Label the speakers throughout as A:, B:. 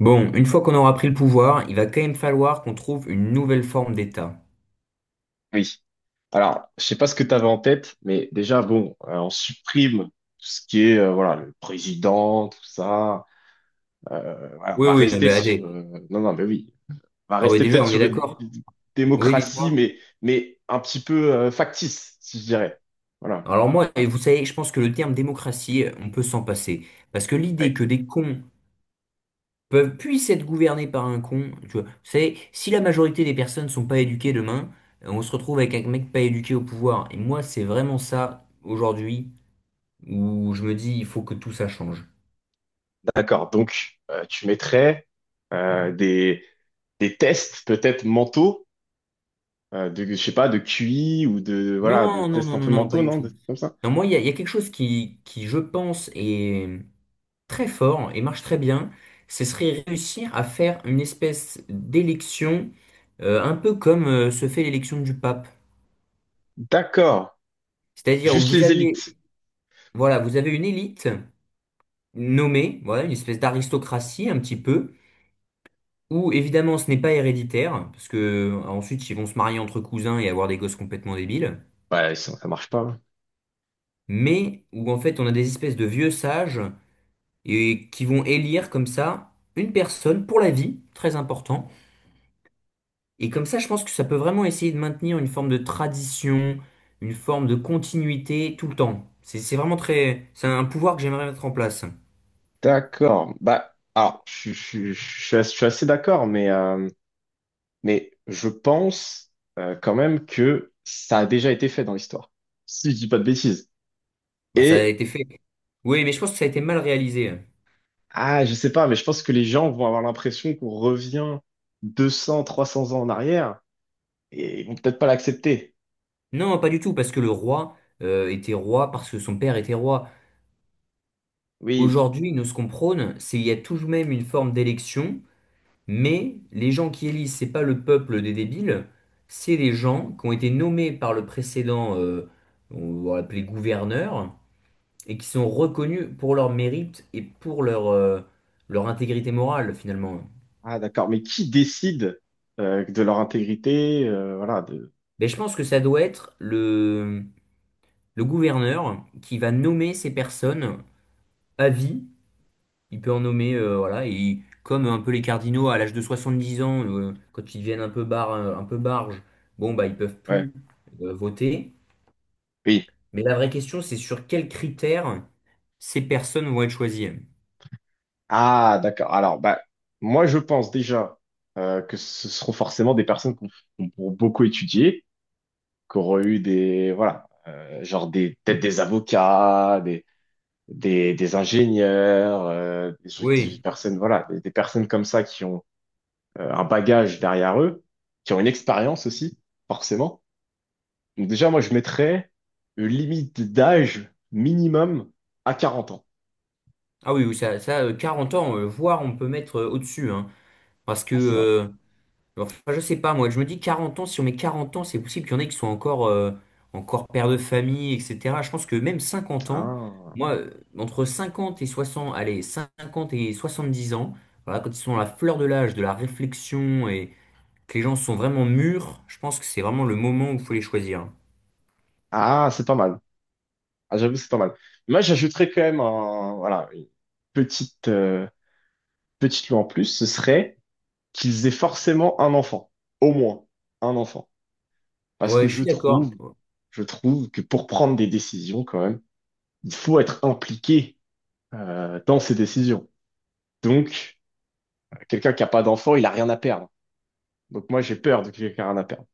A: Bon, une fois qu'on aura pris le pouvoir, il va quand même falloir qu'on trouve une nouvelle forme d'État.
B: Oui. Alors, je sais pas ce que tu avais en tête, mais déjà, bon, on supprime tout ce qui est, voilà, le président, tout ça. Voilà, on
A: Oui,
B: va
A: oui, non,
B: rester
A: mais
B: sur...
A: allez.
B: euh, non, non, mais oui. On va
A: Ah oui,
B: rester
A: déjà,
B: peut-être
A: on est
B: sur une
A: d'accord? Oui,
B: démocratie,
A: dites-moi.
B: mais un petit peu factice, si je dirais. Voilà.
A: Alors moi, et vous savez, je pense que le terme démocratie, on peut s'en passer. Parce que
B: Ouais,
A: l'idée que des cons peuvent, puissent être gouvernés par un con, tu vois, vous savez, si la majorité des personnes sont pas éduquées demain, on se retrouve avec un mec pas éduqué au pouvoir. Et moi, c'est vraiment ça, aujourd'hui, où je me dis, il faut que tout ça change.
B: d'accord. Donc, tu mettrais euh, des, des tests peut-être mentaux, de, je sais pas, de QI ou de, voilà,
A: Non,
B: des
A: non,
B: tests
A: non,
B: un
A: non,
B: peu
A: non, pas
B: mentaux,
A: du
B: non? Des
A: tout.
B: trucs comme ça.
A: Non, moi, il y a quelque chose qui, je pense, est très fort et marche très bien. Ce serait réussir à faire une espèce d'élection, un peu comme se fait l'élection du pape.
B: D'accord.
A: C'est-à-dire où
B: Juste
A: vous
B: les
A: avez,
B: élites.
A: voilà, vous avez une élite nommée, voilà, une espèce d'aristocratie un petit peu, où évidemment ce n'est pas héréditaire, parce que ensuite ils vont se marier entre cousins et avoir des gosses complètement débiles,
B: Ouais, sinon ça marche pas, hein.
A: mais où en fait on a des espèces de vieux sages et qui vont élire comme ça une personne pour la vie, très important. Et comme ça, je pense que ça peut vraiment essayer de maintenir une forme de tradition, une forme de continuité tout le temps. C'est vraiment très, c'est un pouvoir que j'aimerais mettre en place.
B: D'accord. Bah, alors, je suis assez d'accord, mais je pense quand même que ça a déjà été fait dans l'histoire, si je dis pas de bêtises.
A: Bah, ça a
B: Et,
A: été fait. Oui, mais je pense que ça a été mal réalisé.
B: ah, je sais pas, mais je pense que les gens vont avoir l'impression qu'on revient 200 300 ans en arrière et ils vont peut-être pas l'accepter.
A: Non, pas du tout, parce que le roi était roi parce que son père était roi.
B: Oui.
A: Aujourd'hui, nous, ce qu'on prône, c'est il y a tout de même une forme d'élection. Mais les gens qui élisent, c'est pas le peuple des débiles, c'est les gens qui ont été nommés par le précédent, on va l'appeler gouverneur, et qui sont reconnus pour leur mérite et pour leur, leur intégrité morale finalement.
B: Ah, d'accord. Mais qui décide de leur intégrité, voilà, de...
A: Mais je pense que ça doit être le gouverneur qui va nommer ces personnes à vie. Il peut en nommer, voilà, et comme un peu les cardinaux à l'âge de 70 ans, quand ils deviennent un peu bar, un peu barges, bon bah ils peuvent
B: Ouais.
A: plus voter.
B: Oui.
A: Mais la vraie question, c'est sur quels critères ces personnes vont être choisies.
B: Ah, d'accord. Alors, bah, moi, je pense déjà que ce seront forcément des personnes qu'on beaucoup étudier, qui auront eu des, voilà, genre des, peut-être des avocats, des ingénieurs, des
A: Oui.
B: personnes, voilà, des personnes comme ça qui ont un bagage derrière eux, qui ont une expérience aussi, forcément. Donc déjà, moi, je mettrais une limite d'âge minimum à 40 ans.
A: Ah oui, oui, ça, 40 ans, voire on peut mettre au-dessus, hein. parce que,
B: Ah, c'est vrai.
A: euh, enfin, je sais pas, moi, je me dis 40 ans, si on met 40 ans, c'est possible qu'il y en ait qui sont encore, encore père de famille, etc. Je pense que même 50 ans,
B: Ah,
A: moi, entre 50 et 60, allez, 50 et 70 ans, voilà, quand ils sont à la fleur de l'âge, de la réflexion et que les gens sont vraiment mûrs, je pense que c'est vraiment le moment où il faut les choisir.
B: ah, c'est pas mal. Ah, j'avoue, c'est pas mal. Moi, j'ajouterais quand même voilà, une petite, euh, petite loi en plus, ce serait qu'ils aient forcément un enfant. Au moins, un enfant. Parce que
A: Ouais, je
B: je
A: suis d'accord.
B: trouve, je trouve que pour prendre des décisions, quand même, il faut être impliqué, dans ces décisions. Donc, quelqu'un qui n'a pas d'enfant, il a rien à perdre. Donc, moi, j'ai peur de quelqu'un qui a rien à perdre,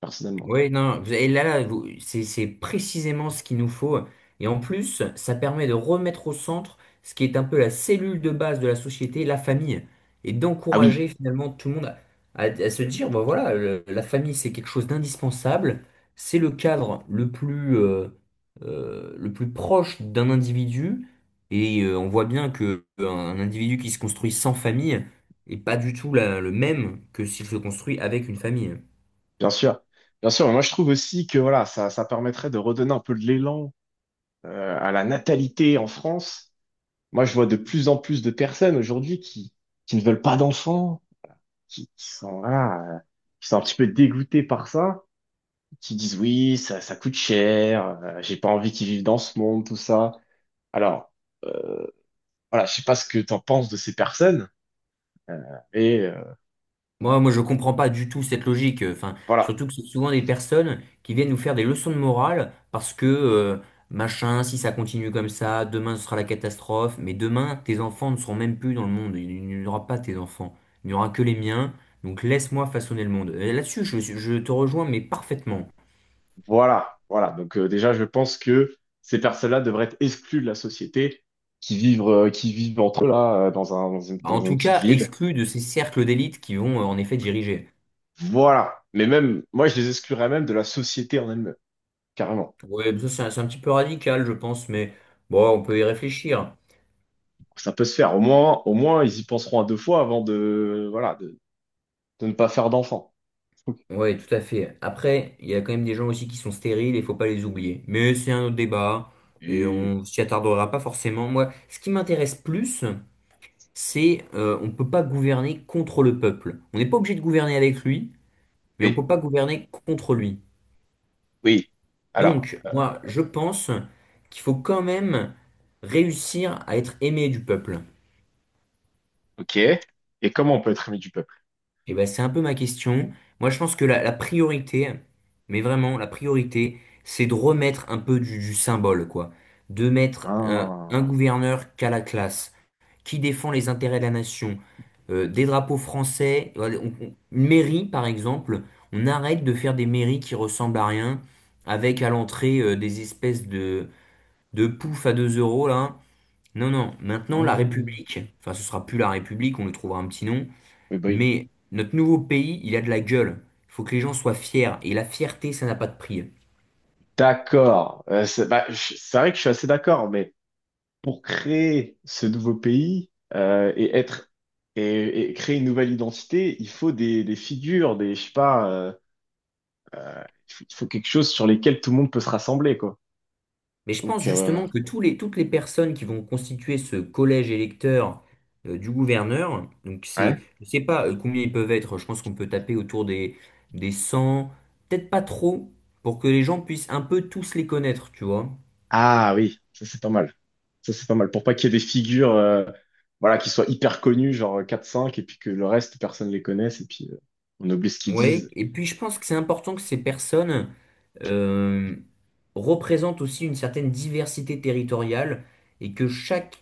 B: personnellement.
A: Oui, non, et là, là, c'est précisément ce qu'il nous faut. Et en plus, ça permet de remettre au centre ce qui est un peu la cellule de base de la société, la famille, et
B: Ah oui,
A: d'encourager finalement tout le monde à, à se dire, bah voilà, la famille, c'est quelque chose d'indispensable, c'est le cadre le plus proche d'un individu, et on voit bien que un individu qui se construit sans famille n'est pas du tout le même que s'il se construit avec une famille.
B: bien sûr. Bien sûr, mais moi, je trouve aussi que, voilà, ça permettrait de redonner un peu de l'élan, à la natalité en France. Moi, je vois de plus en plus de personnes aujourd'hui qui ne veulent pas d'enfants, qui, qui sont, voilà, euh, qui sont un petit peu dégoûtées par ça, qui disent oui, ça coûte cher, j'ai pas envie qu'ils vivent dans ce monde, tout ça. Alors, euh, voilà, je sais pas ce que t'en penses de ces personnes, euh, et
A: Moi, je comprends pas du tout cette logique. Enfin,
B: voilà,
A: surtout que c'est souvent des personnes qui viennent nous faire des leçons de morale parce que machin, si ça continue comme ça, demain ce sera la catastrophe. Mais demain, tes enfants ne seront même plus dans le monde. Il n'y aura pas tes enfants. Il n'y aura que les miens. Donc laisse-moi façonner le monde. Et là-dessus, je te rejoins, mais parfaitement.
B: voilà, voilà. Donc déjà, je pense que ces personnes-là devraient être exclues de la société, qui vivent entre eux là,
A: Bah,
B: dans
A: en
B: une
A: tout
B: petite
A: cas,
B: ville.
A: exclu de ces cercles d'élite qui vont en effet diriger.
B: Voilà. Mais même, moi, je les exclurais même de la société en elle-même, carrément.
A: Ouais, ça c'est un petit peu radical, je pense, mais bon, on peut y réfléchir.
B: Ça peut se faire. Au moins, ils y penseront à deux fois avant de, voilà, de ne pas faire d'enfant.
A: Ouais, tout à fait. Après, il y a quand même des gens aussi qui sont stériles et faut pas les oublier. Mais c'est un autre débat et
B: Oui,
A: on s'y attardera pas forcément. Moi, ce qui m'intéresse plus, c'est on peut pas gouverner contre le peuple. On n'est pas obligé de gouverner avec lui, mais on
B: oui,
A: peut pas gouverner contre lui.
B: oui. Alors,
A: Donc, moi, je pense qu'il faut quand même réussir à être aimé du peuple.
B: ok. Et comment on peut être ami du peuple?
A: Et ben, c'est un peu ma question. Moi, je pense que la priorité, mais vraiment, la priorité, c'est de remettre un peu du symbole, quoi. De mettre un
B: Ah,
A: gouverneur qui a la classe, qui défend les intérêts de la nation, des drapeaux français, voilà, une mairie, par exemple. On arrête de faire des mairies qui ressemblent à rien, avec à l'entrée, des espèces de pouf à 2 euros, là. Non, non, maintenant, la
B: ah.
A: République, enfin, ce sera plus la République, on lui trouvera un petit nom.
B: Oui, bah oui.
A: Mais notre nouveau pays, il a de la gueule. Il faut que les gens soient fiers. Et la fierté, ça n'a pas de prix.
B: D'accord. C'est bah, c'est vrai que je suis assez d'accord, mais pour créer ce nouveau pays et créer une nouvelle identité, il faut des figures, des je sais pas, il faut quelque chose sur lesquels tout le monde peut se rassembler, quoi.
A: Mais je
B: Donc,
A: pense justement que tous les, toutes les personnes qui vont constituer ce collège électeur du gouverneur, donc
B: ouais.
A: c'est, je sais pas combien ils peuvent être, je pense qu'on peut taper autour des 100, peut-être pas trop, pour que les gens puissent un peu tous les connaître, tu vois.
B: Ah oui, ça c'est pas mal. Ça c'est pas mal. Pour pas qu'il y ait des figures voilà, qui soient hyper connues, genre quatre cinq, et puis que le reste, personne les connaisse, et puis on oublie ce qu'ils
A: Ouais,
B: disent.
A: et puis je pense que c'est important que ces personnes euh, représentent aussi une certaine diversité territoriale et que chaque.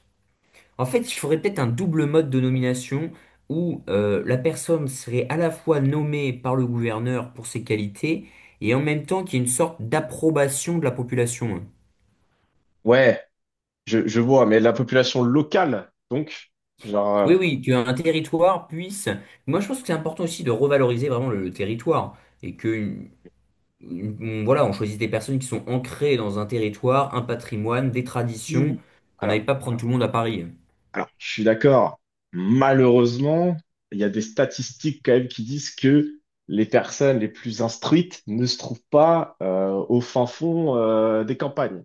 A: En fait, il faudrait peut-être un double mode de nomination où la personne serait à la fois nommée par le gouverneur pour ses qualités et en même temps qu'il y ait une sorte d'approbation de la population.
B: Ouais, je vois, mais la population locale, donc, genre,
A: Oui, oui, qu'un territoire puisse... Moi, je pense que c'est important aussi de revaloriser vraiment le territoire et que, voilà, on choisit des personnes qui sont ancrées dans un territoire, un patrimoine, des
B: il-
A: traditions, qu'on n'aille
B: alors,
A: pas prendre tout le monde à Paris.
B: alors, je suis d'accord. Malheureusement, il y a des statistiques quand même qui disent que les personnes les plus instruites ne se trouvent pas au fin fond des campagnes.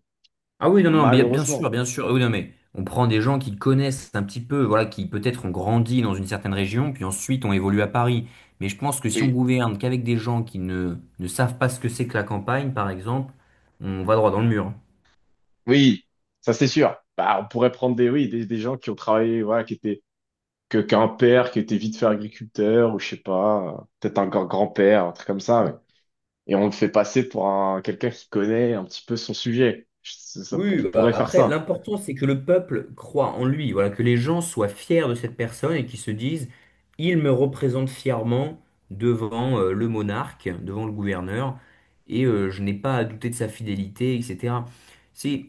A: Ah oui, non, non, bien, bien sûr,
B: Malheureusement.
A: bien sûr. Oui, non, mais on prend des gens qui connaissent un petit peu, voilà, qui peut-être ont grandi dans une certaine région, puis ensuite ont évolué à Paris. Mais je pense que si on gouverne qu'avec des gens qui ne savent pas ce que c'est que la campagne, par exemple, on va droit dans le mur.
B: Oui, ça c'est sûr. Bah, on pourrait prendre des, oui, des gens qui ont travaillé, voilà, qui étaient, qu'un père qui était vite fait agriculteur, ou je sais pas, peut-être un grand-père, un truc comme ça, ouais. Et on le fait passer pour quelqu'un qui connaît un petit peu son sujet. Ça, ça-
A: Oui,
B: on
A: oui, bah,
B: pourrait faire
A: après,
B: ça.
A: l'important, c'est que le peuple croit en lui, voilà, que les gens soient fiers de cette personne et qu'ils se disent, il me représente fièrement devant le monarque, devant le gouverneur, et je n'ai pas à douter de sa fidélité, etc. C'est...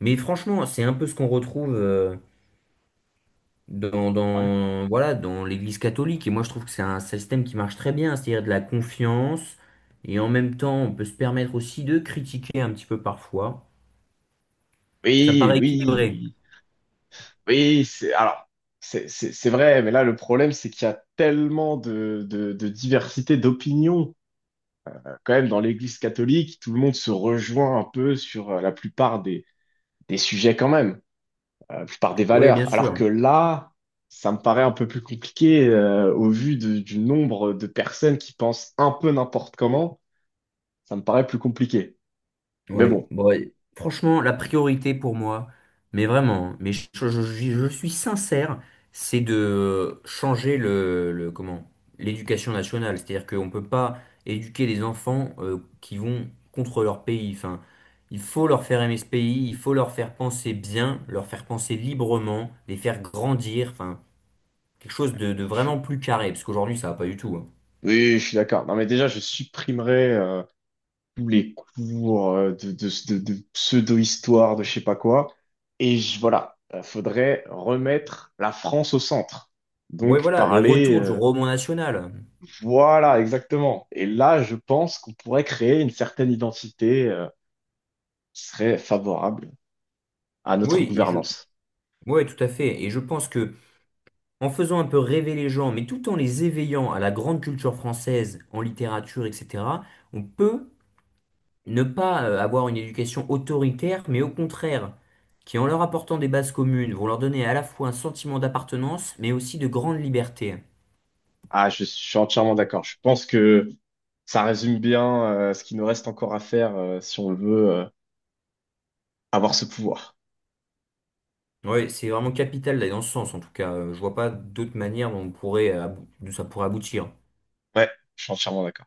A: Mais franchement, c'est un peu ce qu'on retrouve dans,
B: Ouais.
A: dans, voilà, dans l'Église catholique, et moi je trouve que c'est un système qui marche très bien, c'est-à-dire de la confiance, et en même temps, on peut se permettre aussi de critiquer un petit peu parfois. Ça me
B: Oui,
A: paraît
B: oui,
A: équilibré.
B: oui. Oui, c'est alors, c'est vrai, mais là le problème c'est qu'il y a tellement de diversité d'opinions. Quand même dans l'Église catholique, tout le monde se rejoint un peu sur la plupart des sujets quand même, la plupart des
A: Oui, bien
B: valeurs. Alors
A: sûr.
B: que là, ça me paraît un peu plus compliqué au vu du nombre de personnes qui pensent un peu n'importe comment, ça me paraît plus compliqué. Mais
A: Oui.
B: bon,
A: Bon, et franchement, la priorité pour moi, mais vraiment, hein, mais je suis sincère, c'est de changer comment, l'éducation nationale. C'est-à-dire qu'on ne peut pas éduquer des enfants qui vont contre leur pays. Enfin, il faut leur faire aimer ce pays, il faut leur faire penser bien, leur faire penser librement, les faire grandir. Enfin, quelque chose de
B: je suis-
A: vraiment plus carré, parce qu'aujourd'hui, ça va pas du tout. Oui,
B: oui, je suis d'accord. Non mais déjà je supprimerai tous les cours de pseudo-histoire, de je sais pas quoi. Et voilà, faudrait remettre la France au centre. Donc
A: voilà, le
B: parler,
A: retour du roman national.
B: voilà, exactement. Et là, je pense qu'on pourrait créer une certaine identité qui serait favorable à notre
A: Oui, et je-
B: gouvernance.
A: Ouais, tout à fait. Et je pense que en faisant un peu rêver les gens, mais tout en les éveillant à la grande culture française, en littérature, etc., on peut ne pas avoir une éducation autoritaire, mais au contraire, qui en leur apportant des bases communes, vont leur donner à la fois un sentiment d'appartenance, mais aussi de grande liberté.
B: Ah, suis entièrement d'accord. Je pense que ça résume bien ce qu'il nous reste encore à faire si on veut avoir ce pouvoir.
A: Ouais, c'est vraiment capital d'aller dans ce sens. En tout cas, je vois pas d'autre manière dont on pourrait, d'où ça pourrait aboutir.
B: Ouais, je suis entièrement d'accord.